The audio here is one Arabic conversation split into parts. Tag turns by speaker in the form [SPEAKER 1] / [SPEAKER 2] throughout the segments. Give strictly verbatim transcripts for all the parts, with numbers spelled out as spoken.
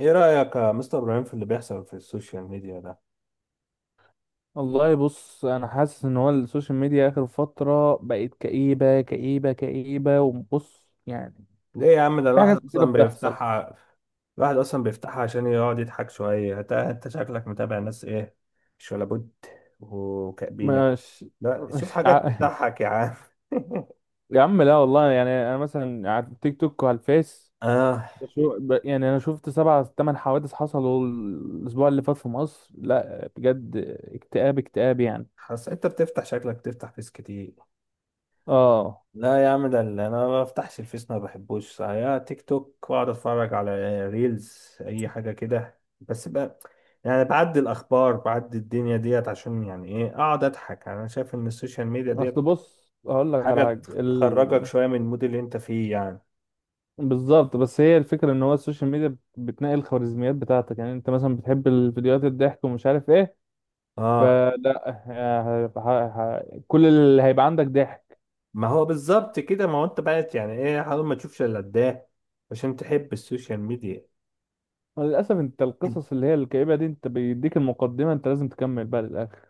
[SPEAKER 1] ايه رأيك يا مستر ابراهيم في اللي بيحصل في السوشيال ميديا ده؟
[SPEAKER 2] والله بص انا حاسس ان هو السوشيال ميديا اخر فتره بقت كئيبه كئيبه كئيبه، وبص يعني
[SPEAKER 1] ليه يا عم ده
[SPEAKER 2] في حاجات
[SPEAKER 1] الواحد
[SPEAKER 2] كتيره
[SPEAKER 1] اصلا
[SPEAKER 2] بتحصل.
[SPEAKER 1] بيفتحها. الواحد اصلا بيفتحها عشان يقعد يضحك شوية. انت انت شكلك متابع ناس ايه؟ مش ولا بد. وكأبينك.
[SPEAKER 2] مش
[SPEAKER 1] لا
[SPEAKER 2] مش
[SPEAKER 1] شوف
[SPEAKER 2] ع...
[SPEAKER 1] حاجات تضحك يا عم.
[SPEAKER 2] يا عم لا والله، يعني انا مثلا على التيك توك وعلى الفيس
[SPEAKER 1] اه،
[SPEAKER 2] بشو- ب... يعني انا شفت سبع ثمان حوادث حصلوا الاسبوع اللي فات في مصر. لا بجد اكتئاب اكتئاب يعني.
[SPEAKER 1] حاسس انت بتفتح، شكلك بتفتح فيس كتير.
[SPEAKER 2] اه
[SPEAKER 1] لا يا عم، ده اللي انا ما بفتحش الفيس، ما بحبوش، يا تيك توك واقعد اتفرج على ريلز اي حاجه كده بس بقى. يعني بعدي الاخبار، بعدي الدنيا ديت عشان، يعني ايه، اقعد اضحك. يعني انا شايف ان السوشيال ميديا
[SPEAKER 2] اصل
[SPEAKER 1] ديت
[SPEAKER 2] بص هقول لك على
[SPEAKER 1] حاجه
[SPEAKER 2] حاجه.
[SPEAKER 1] تخ- تخرجك شويه من المود اللي انت فيه يعني.
[SPEAKER 2] بالظبط، بس هي الفكرة ان هو السوشيال ميديا بتنقل الخوارزميات بتاعتك، يعني انت مثلا بتحب الفيديوهات الضحك ومش عارف ايه،
[SPEAKER 1] اه،
[SPEAKER 2] فلا ه- ه- ه- كل اللي هيبقى عندك ضحك.
[SPEAKER 1] ما هو بالظبط كده. ما هو انت بقيت، يعني ايه، حاول ما تشوفش الا ده عشان تحب السوشيال ميديا.
[SPEAKER 2] للأسف انت القصص اللي هي الكئيبة دي، انت بيديك المقدمة، انت لازم تكمل بقى للآخر.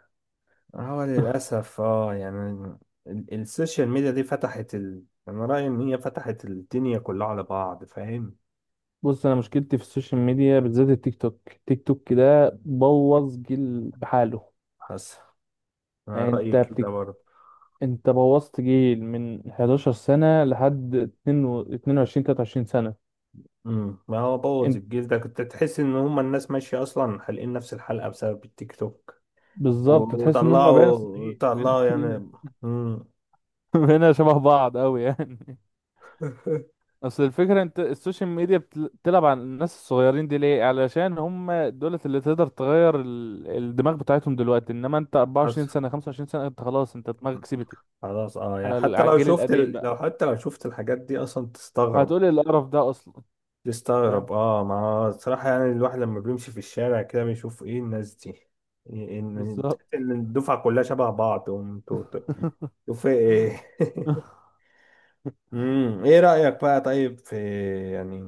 [SPEAKER 1] هو للأسف اه يعني، ال- السوشيال ميديا دي فتحت ال... أنا رأيي إن هي فتحت الدنيا كلها على بعض، فاهم.
[SPEAKER 2] بص انا مشكلتي في السوشيال ميديا بالذات التيك توك، التيك توك كده بوظ جيل بحاله.
[SPEAKER 1] حاسس. أنا
[SPEAKER 2] يعني
[SPEAKER 1] رأيي
[SPEAKER 2] انت
[SPEAKER 1] كده
[SPEAKER 2] بتك...
[SPEAKER 1] برضه.
[SPEAKER 2] انت بوظت جيل من 11 سنة لحد اتنين وعشرين تلاتة وعشرين تلاتة وعشرين سنة.
[SPEAKER 1] امم، ما هو بوظ الجيل ده. كنت تحس إن هما الناس ماشية أصلا حالقين نفس الحلقة بسبب التيك توك.
[SPEAKER 2] بالظبط،
[SPEAKER 1] و-
[SPEAKER 2] تحس ان هم بقينا
[SPEAKER 1] وطلعوا
[SPEAKER 2] صينيين، بقينا
[SPEAKER 1] طلعوا
[SPEAKER 2] كلنا
[SPEAKER 1] يعني. امم.
[SPEAKER 2] بقينا شبه بعض قوي يعني. اصل الفكره، انت السوشيال ميديا بتل- بتلعب على الناس الصغيرين دي ليه؟ علشان هم دولت اللي تقدر تغير ال- الدماغ بتاعتهم دلوقتي، انما انت
[SPEAKER 1] حاسس.
[SPEAKER 2] اربعة وعشرين سنة سنه خمسة وعشرون سنة سنه انت خلاص، انت دماغك سيبت.
[SPEAKER 1] خلاص اه، يعني
[SPEAKER 2] على ال-
[SPEAKER 1] حتى
[SPEAKER 2] على
[SPEAKER 1] لو
[SPEAKER 2] الجيل
[SPEAKER 1] شفت
[SPEAKER 2] القديم
[SPEAKER 1] ال...
[SPEAKER 2] بقى
[SPEAKER 1] لو حتى لو شفت الحاجات دي أصلا تستغرب.
[SPEAKER 2] هتقولي القرف ده اصلا. فاهم
[SPEAKER 1] تستغرب اه. ما الصراحة يعني الواحد لما بيمشي في الشارع كده بيشوف ايه الناس دي. إيه- ان تحس
[SPEAKER 2] بالظبط.
[SPEAKER 1] ان الدفعة كلها شبه بعض وانتوا في ايه. امم، ايه رأيك بقى، طيب، في، يعني،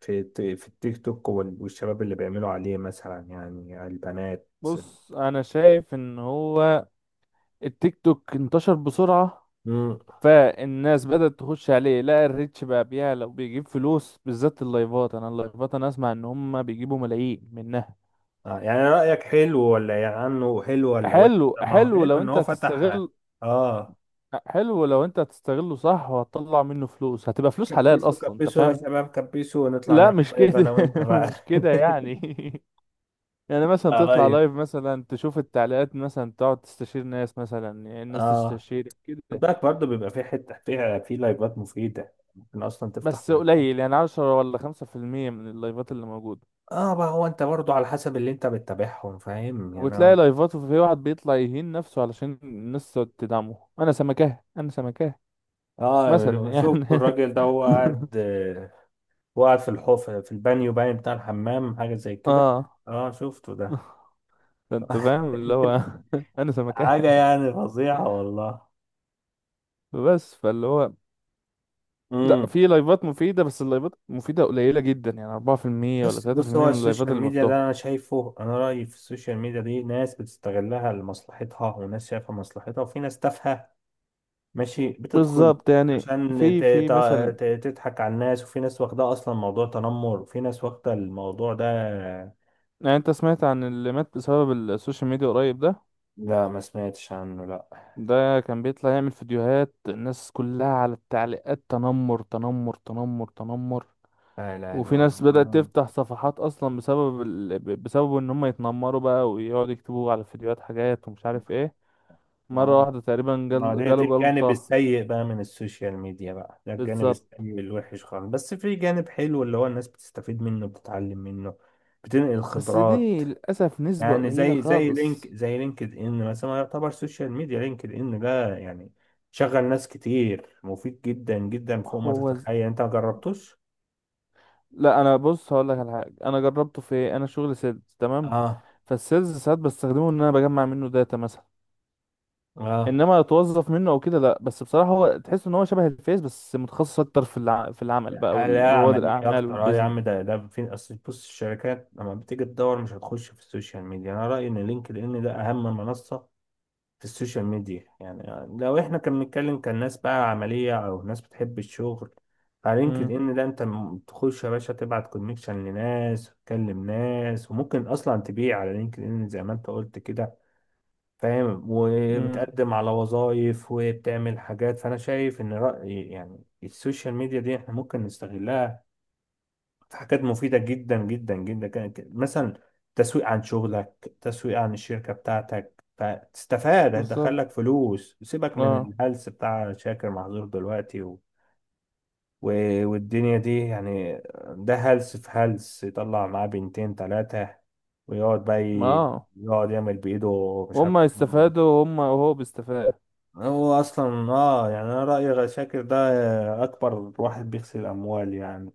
[SPEAKER 1] في الت- في التيك توك وال- والشباب اللي بيعملوا عليه مثلا، يعني البنات.
[SPEAKER 2] بص انا شايف ان هو التيك توك انتشر بسرعه،
[SPEAKER 1] امم.
[SPEAKER 2] فالناس بدأت تخش عليه، لقى الريتش بقى بيعلى وبيجيب فلوس، بالذات اللايفات. انا اللايفات انا اسمع ان هم بيجيبوا ملايين منها.
[SPEAKER 1] آه، يعني رأيك حلو، ولا يعني عنه حلو ولا وحش؟
[SPEAKER 2] حلو
[SPEAKER 1] طب ما هو
[SPEAKER 2] حلو
[SPEAKER 1] حلو
[SPEAKER 2] لو
[SPEAKER 1] ان
[SPEAKER 2] انت
[SPEAKER 1] هو فتح.
[SPEAKER 2] هتستغل،
[SPEAKER 1] اه.
[SPEAKER 2] حلو لو انت هتستغله صح، وهتطلع منه فلوس هتبقى فلوس حلال
[SPEAKER 1] كبسوا،
[SPEAKER 2] اصلا انت
[SPEAKER 1] كبسوا يا
[SPEAKER 2] فاهم.
[SPEAKER 1] شباب، كبسوا ونطلع
[SPEAKER 2] لا
[SPEAKER 1] نعمل
[SPEAKER 2] مش
[SPEAKER 1] دايت انا
[SPEAKER 2] كده
[SPEAKER 1] وانت بقى.
[SPEAKER 2] مش كده يعني يعني مثلا تطلع
[SPEAKER 1] لايف.
[SPEAKER 2] لايف، مثلا تشوف التعليقات، مثلا تقعد تستشير ناس، مثلا يعني الناس
[SPEAKER 1] اه.
[SPEAKER 2] تستشير
[SPEAKER 1] خد
[SPEAKER 2] كده.
[SPEAKER 1] بالك برضه، بيبقى في حته، في في لايفات مفيده، ممكن اصلا تفتح
[SPEAKER 2] بس
[SPEAKER 1] لايف.
[SPEAKER 2] قليل، يعني عشرة ولا خمسة في المية من اللايفات اللي موجودة.
[SPEAKER 1] اه، ما هو انت برضه على حسب اللي انت بتتابعهم، فاهم يعني،
[SPEAKER 2] وتلاقي
[SPEAKER 1] هو-
[SPEAKER 2] لايفات وفي واحد بيطلع يهين نفسه علشان الناس تقعد تدعمه، انا سمكاه انا سمكاه مثلا
[SPEAKER 1] اه
[SPEAKER 2] يعني.
[SPEAKER 1] شفت الراجل ده هو قاعد، آه، هو قاعد في الحوف، في البانيو، باين بتاع الحمام، حاجه زي كده.
[SPEAKER 2] اه
[SPEAKER 1] اه شفته ده.
[SPEAKER 2] فانت فاهم اللي هو انا سمكاه.
[SPEAKER 1] حاجه يعني فظيعه والله.
[SPEAKER 2] بس فاللي هو لا،
[SPEAKER 1] امم.
[SPEAKER 2] في لايفات مفيدة، بس اللايفات مفيدة قليلة جدا يعني اربعة في المية ولا
[SPEAKER 1] بس بص، هو
[SPEAKER 2] تلاتة في المية من اللايفات
[SPEAKER 1] السوشيال
[SPEAKER 2] اللي
[SPEAKER 1] ميديا ده
[SPEAKER 2] مفتوحة.
[SPEAKER 1] انا شايفه، انا رايي في السوشيال ميديا دي ناس بتستغلها لمصلحتها، وناس شايفه مصلحتها، وفي ناس تافهه. ماشي، بتدخل
[SPEAKER 2] بالظبط يعني،
[SPEAKER 1] عشان
[SPEAKER 2] في
[SPEAKER 1] ت-
[SPEAKER 2] في
[SPEAKER 1] ت-
[SPEAKER 2] مثلا،
[SPEAKER 1] ت- تضحك على الناس. وفي ناس واخدة أصلا موضوع تنمر، وفي ناس واخدة الموضوع ده.
[SPEAKER 2] يعني انت سمعت عن اللي مات بسبب السوشيال ميديا قريب ده؟
[SPEAKER 1] لا ما سمعتش عنه، لا.
[SPEAKER 2] ده كان بيطلع يعمل فيديوهات الناس كلها على التعليقات تنمر تنمر تنمر تنمر،
[SPEAKER 1] لا إله
[SPEAKER 2] وفي
[SPEAKER 1] إلا
[SPEAKER 2] ناس
[SPEAKER 1] الله.
[SPEAKER 2] بدأت
[SPEAKER 1] ما،
[SPEAKER 2] تفتح صفحات اصلا بسبب ال... ب- بسبب ان هم يتنمروا بقى، ويقعدوا يكتبوا على الفيديوهات حاجات ومش عارف ايه.
[SPEAKER 1] ما هو،
[SPEAKER 2] مرة واحدة تقريبا
[SPEAKER 1] ما
[SPEAKER 2] جال...
[SPEAKER 1] ده ده
[SPEAKER 2] جاله
[SPEAKER 1] الجانب
[SPEAKER 2] جلطة.
[SPEAKER 1] السيء بقى من السوشيال ميديا بقى. ده الجانب
[SPEAKER 2] بالظبط،
[SPEAKER 1] السيء الوحش خالص. بس في جانب حلو اللي هو الناس بتستفيد منه، بتتعلم منه، بتنقل
[SPEAKER 2] بس
[SPEAKER 1] خبرات.
[SPEAKER 2] دي للأسف نسبة
[SPEAKER 1] يعني
[SPEAKER 2] قليلة
[SPEAKER 1] زي زي لينك،
[SPEAKER 2] خالص.
[SPEAKER 1] زي لينكد ان مثلا، يعتبر سوشيال ميديا. لينكد ان ده يعني شغل ناس كتير، مفيد جدا جدا فوق ما
[SPEAKER 2] هو ز-
[SPEAKER 1] تتخيل. انت ما جربتوش؟
[SPEAKER 2] لا انا بص هقول لك على حاجة، انا جربته في ايه، انا شغل سيلز تمام،
[SPEAKER 1] اه.
[SPEAKER 2] فالسيلز ساعات بستخدمه ان انا بجمع منه داتا مثلا،
[SPEAKER 1] اه.
[SPEAKER 2] انما اتوظف منه او كده لا. بس بصراحة هو تحس ان هو شبه الفيس، بس متخصص اكتر في الع... في العمل بقى
[SPEAKER 1] حالة
[SPEAKER 2] والرواد
[SPEAKER 1] عملية
[SPEAKER 2] الاعمال
[SPEAKER 1] أكتر أه يا
[SPEAKER 2] والبيزنس.
[SPEAKER 1] عم. ده ده في أصل، بص، الشركات لما بتيجي تدور مش هتخش في السوشيال ميديا. أنا رأيي إن لينكد إن ده أهم منصة في السوشيال ميديا يعني. لو احنا كنا بنتكلم كان ناس بقى عملية او ناس بتحب الشغل. على لينكد ان ده انت، م- تخش يا باشا، تبعت كونكشن لناس، تكلم ناس، وممكن اصلا تبيع على لينكد ان زي ما انت قلت كده، فاهم.
[SPEAKER 2] امم
[SPEAKER 1] وبتقدم على وظائف، وبتعمل حاجات. فانا شايف ان رأي يعني السوشيال ميديا دي احنا ممكن نستغلها حاجات مفيدة جدا جدا جدا جدا جداً. مثلا تسويق عن شغلك، تسويق عن الشركة بتاعتك، فتستفاد،
[SPEAKER 2] بالظبط.
[SPEAKER 1] هتدخلك فلوس. سيبك من
[SPEAKER 2] اه
[SPEAKER 1] الهلس بتاع شاكر، محظور دلوقتي. و... و... والدنيا دي يعني. ده هلس في هلس، يطلع معاه بنتين تلاتة ويقعد بقى ي...
[SPEAKER 2] اه
[SPEAKER 1] يقعد يعمل بإيده، مش عارف
[SPEAKER 2] هما يستفادوا،
[SPEAKER 1] إنه-
[SPEAKER 2] وهم وهو بيستفاد.
[SPEAKER 1] هو أصلا. آه يعني، أنا رأيي شاكر ده أكبر واحد بيغسل أموال يعني،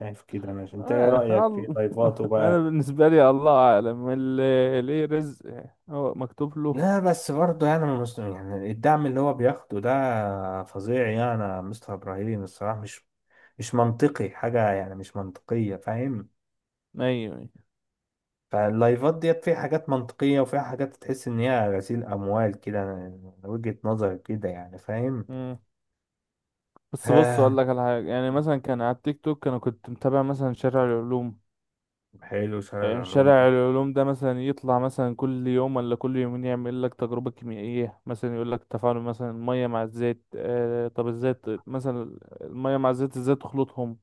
[SPEAKER 1] شايف كده أنا. أنت إيه
[SPEAKER 2] آه.
[SPEAKER 1] رأيك في
[SPEAKER 2] الله.
[SPEAKER 1] ضيفاته
[SPEAKER 2] انا
[SPEAKER 1] بقى؟
[SPEAKER 2] بالنسبه لي الله اعلم، اللي ليه رزق هو مكتوب له.
[SPEAKER 1] لا بس برضه يعني، من مست... يعني الدعم اللي هو بياخده ده فظيع يعني، يا مستر ابراهيم الصراحه، مش مش منطقي حاجه، يعني مش منطقيه، فاهم.
[SPEAKER 2] ايوه أيوة.
[SPEAKER 1] فاللايفات ديت فيها حاجات منطقيه، وفيها حاجات تحس ان هي غسيل اموال كده، من وجهه نظري كده يعني، فاهم.
[SPEAKER 2] مم. بس بص اقول
[SPEAKER 1] آه،
[SPEAKER 2] لك على حاجه، يعني مثلا كان على التيك توك انا كنت متابع مثلا شارع العلوم.
[SPEAKER 1] حلو شارع
[SPEAKER 2] آه،
[SPEAKER 1] العلوم.
[SPEAKER 2] شارع العلوم ده مثلا يطلع مثلا كل يوم ولا كل يومين يعمل لك تجربه كيميائيه، مثلا يقول لك تفاعل مثلا الميه مع الزيت. آه، طب الزيت مثلا الميه مع الزيت ازاي تخلطهم؟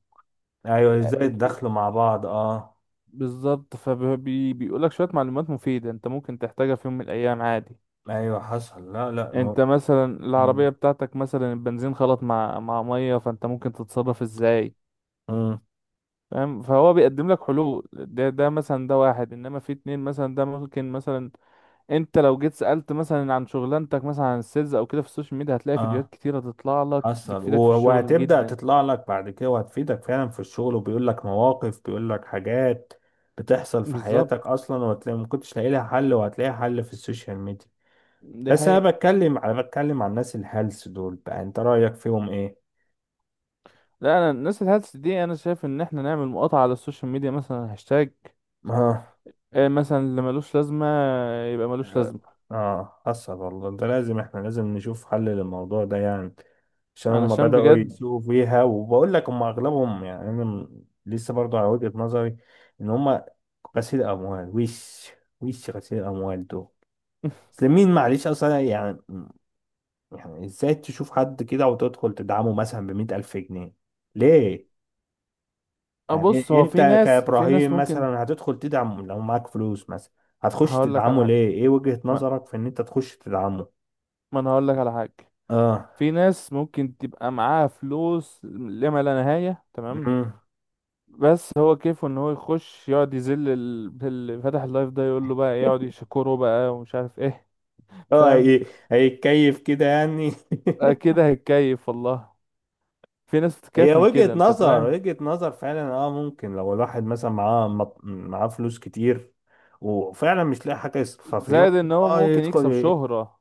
[SPEAKER 1] ايوه، ازاي
[SPEAKER 2] آه،
[SPEAKER 1] الدخل مع بعض؟ اه.
[SPEAKER 2] بالظبط، فبيقول لك شوية معلومات مفيدة انت ممكن تحتاجها في يوم من الأيام عادي.
[SPEAKER 1] ايوه حصل، لا لا،
[SPEAKER 2] انت
[SPEAKER 1] مو...
[SPEAKER 2] مثلا
[SPEAKER 1] مم.
[SPEAKER 2] العربية بتاعتك مثلا البنزين خلط مع مع مية، فانت ممكن تتصرف ازاي؟
[SPEAKER 1] مم.
[SPEAKER 2] فاهم، فهو بيقدم لك حلول. ده ده مثلا، ده واحد، انما في اتنين مثلا ده ممكن مثلا انت لو جيت سألت مثلا عن شغلانتك مثلا عن السيلز او كده في السوشيال ميديا، هتلاقي فيديوهات
[SPEAKER 1] اه
[SPEAKER 2] كتيرة تطلع لك
[SPEAKER 1] حصل.
[SPEAKER 2] بتفيدك في
[SPEAKER 1] و-
[SPEAKER 2] الشغل
[SPEAKER 1] وهتبدأ
[SPEAKER 2] جدا.
[SPEAKER 1] تطلع لك بعد كده وهتفيدك فعلا في الشغل، وبيقول لك مواقف، بيقول لك حاجات بتحصل في حياتك
[SPEAKER 2] بالظبط،
[SPEAKER 1] أصلا، وهتلاقي ما كنتش لاقي لها حل، وهتلاقي حل في السوشيال ميديا.
[SPEAKER 2] دي
[SPEAKER 1] بس أنا
[SPEAKER 2] حقيقة.
[SPEAKER 1] بتكلم، أنا بتكلم عن الناس الهلس دول بقى، أنت رأيك فيهم إيه؟
[SPEAKER 2] لا انا الناس الهلس دي، انا شايف ان احنا نعمل مقاطعة على السوشيال ميديا مثلا، هاشتاج
[SPEAKER 1] اه.
[SPEAKER 2] آه، مثلا اللي ملوش لازمة يبقى ملوش لازمة،
[SPEAKER 1] اه حصل والله. ده لازم، احنا لازم نشوف حل للموضوع ده يعني. عشان هم
[SPEAKER 2] علشان
[SPEAKER 1] بدأوا
[SPEAKER 2] بجد.
[SPEAKER 1] يسوقوا فيها. وبقول لك هم اغلبهم يعني، انا م- لسه برضو على وجهة نظري ان هم غسيل اموال. وش، وش غسيل الاموال دول. اصل مين، معلش اصلا يعني، يعني ازاي تشوف حد كده وتدخل تدعمه مثلا بمئة الف جنيه؟ ليه؟ يعني
[SPEAKER 2] أبص
[SPEAKER 1] إيه-
[SPEAKER 2] هو
[SPEAKER 1] انت
[SPEAKER 2] في ناس، في ناس
[SPEAKER 1] كابراهيم
[SPEAKER 2] ممكن
[SPEAKER 1] مثلا هتدخل تدعمه لو معاك فلوس مثلا؟ هتخش
[SPEAKER 2] هقول لك على
[SPEAKER 1] تدعمه
[SPEAKER 2] حاجة.
[SPEAKER 1] ليه، ايه وجهة
[SPEAKER 2] ما,
[SPEAKER 1] نظرك في ان انت تخش تدعمه؟
[SPEAKER 2] ما أنا هقول لك على حاجة.
[SPEAKER 1] اه.
[SPEAKER 2] في ناس ممكن تبقى معاها فلوس لما لا نهاية، تمام،
[SPEAKER 1] مم.
[SPEAKER 2] بس هو كيفه ان هو يخش يقعد يذل ال- اللي فاتح اللايف ده، يقول له بقى إيه، يقعد يشكره بقى ومش عارف ايه.
[SPEAKER 1] اه
[SPEAKER 2] فاهم؟
[SPEAKER 1] هي- هيتكيف كده يعني.
[SPEAKER 2] آه، كده هيتكيف والله، في ناس
[SPEAKER 1] هي
[SPEAKER 2] بتتكيف من
[SPEAKER 1] وجهة
[SPEAKER 2] كده انت
[SPEAKER 1] نظر،
[SPEAKER 2] فاهم.
[SPEAKER 1] وجهة نظر فعلا اه. ممكن لو الواحد مثلا معاه مط- معاه فلوس كتير وفعلا مش لاقي حاجة يصرفها فيه.
[SPEAKER 2] زائد ان هو
[SPEAKER 1] اه
[SPEAKER 2] ممكن
[SPEAKER 1] يدخل
[SPEAKER 2] يكسب
[SPEAKER 1] ي-
[SPEAKER 2] شهرة.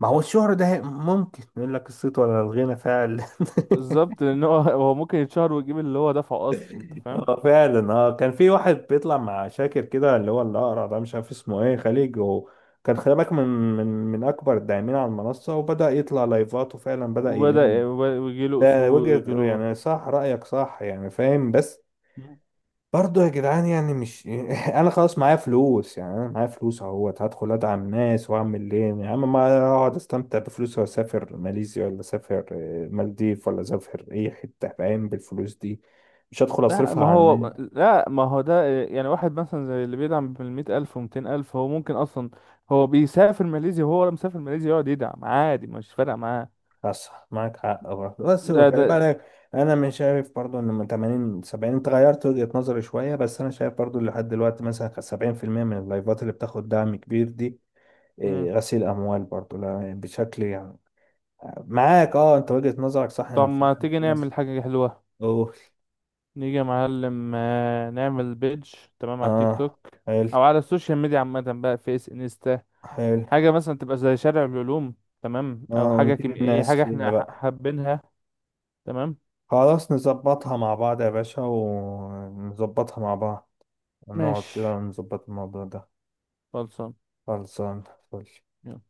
[SPEAKER 1] ما هو الشهرة ده، ممكن يقول لك الصيت ولا الغنى فعلا.
[SPEAKER 2] بالظبط، لان هو هو ممكن يتشهر ويجيب اللي هو دفعه اصلا انت فاهم.
[SPEAKER 1] اه فعلا. اه كان في واحد بيطلع مع شاكر كده، اللي هو الأقرع ده، مش عارف اسمه ايه، خليج، وكان خلي بالك من، من من أكبر الداعمين على المنصة، وبدأ يطلع لايفات وفعلا بدأ يلم.
[SPEAKER 2] وبدأ ويجي له
[SPEAKER 1] ده
[SPEAKER 2] اصول ويجي
[SPEAKER 1] وجهة،
[SPEAKER 2] له.
[SPEAKER 1] يعني صح، رأيك صح يعني، فاهم. بس
[SPEAKER 2] مم.
[SPEAKER 1] برضه يا جدعان يعني، مش انا خلاص معايا فلوس يعني، انا معايا فلوس اهوت، هدخل ادعم ناس واعمل ايه يا عم؟ ما اقعد استمتع بفلوسي واسافر ماليزيا، ولا اسافر، آه، مالديف، ولا اسافر اي حتة فاهم بالفلوس دي. مش هدخل
[SPEAKER 2] لا
[SPEAKER 1] اصرفها
[SPEAKER 2] ما
[SPEAKER 1] على الناس.
[SPEAKER 2] هو لا ما هو ده يعني واحد مثلا زي اللي بيدعم بالمية ألف ومتين ألف، هو ممكن أصلا هو بيسافر ماليزيا، وهو ولا مسافر ماليزيا يقعد يدعم عادي مش فارقة معاه.
[SPEAKER 1] صح معاك حق برضه، بس هو
[SPEAKER 2] ده
[SPEAKER 1] خلي
[SPEAKER 2] ده
[SPEAKER 1] بالك، انا مش شايف برضه ان، من تمانين سبعين انت غيرت وجهة نظري شوية، بس انا شايف برضه لحد دلوقتي مثلا سبعين في المية من اللايفات اللي بتاخد دعم كبير دي
[SPEAKER 2] مم.
[SPEAKER 1] إيه، غسيل اموال برضو، لا يعني، بشكل يعني، معاك اه، انت وجهة نظرك صح
[SPEAKER 2] طب
[SPEAKER 1] ان في،
[SPEAKER 2] ما تيجي
[SPEAKER 1] في
[SPEAKER 2] نعمل
[SPEAKER 1] ناس.
[SPEAKER 2] حاجة حلوة،
[SPEAKER 1] اوه.
[SPEAKER 2] نيجي يا معلم آه، نعمل بيج تمام على التيك
[SPEAKER 1] اه.
[SPEAKER 2] توك،
[SPEAKER 1] حلو.
[SPEAKER 2] أو على السوشيال ميديا عامة بقى، فيس، انستا.
[SPEAKER 1] حلو.
[SPEAKER 2] حاجة مثلا تبقى زي شارع العلوم، تمام، أو
[SPEAKER 1] اه
[SPEAKER 2] حاجة
[SPEAKER 1] ونفيد
[SPEAKER 2] كيميائية،
[SPEAKER 1] الناس
[SPEAKER 2] حاجة
[SPEAKER 1] فيها
[SPEAKER 2] احنا ح-
[SPEAKER 1] بقى.
[SPEAKER 2] حابينها تمام،
[SPEAKER 1] خلاص نظبطها مع بعض يا باشا، ونظبطها مع بعض ونقعد
[SPEAKER 2] ماشي،
[SPEAKER 1] كده ونظبط الموضوع ده.
[SPEAKER 2] خلصان،
[SPEAKER 1] خلصان. فل.
[SPEAKER 2] يلا.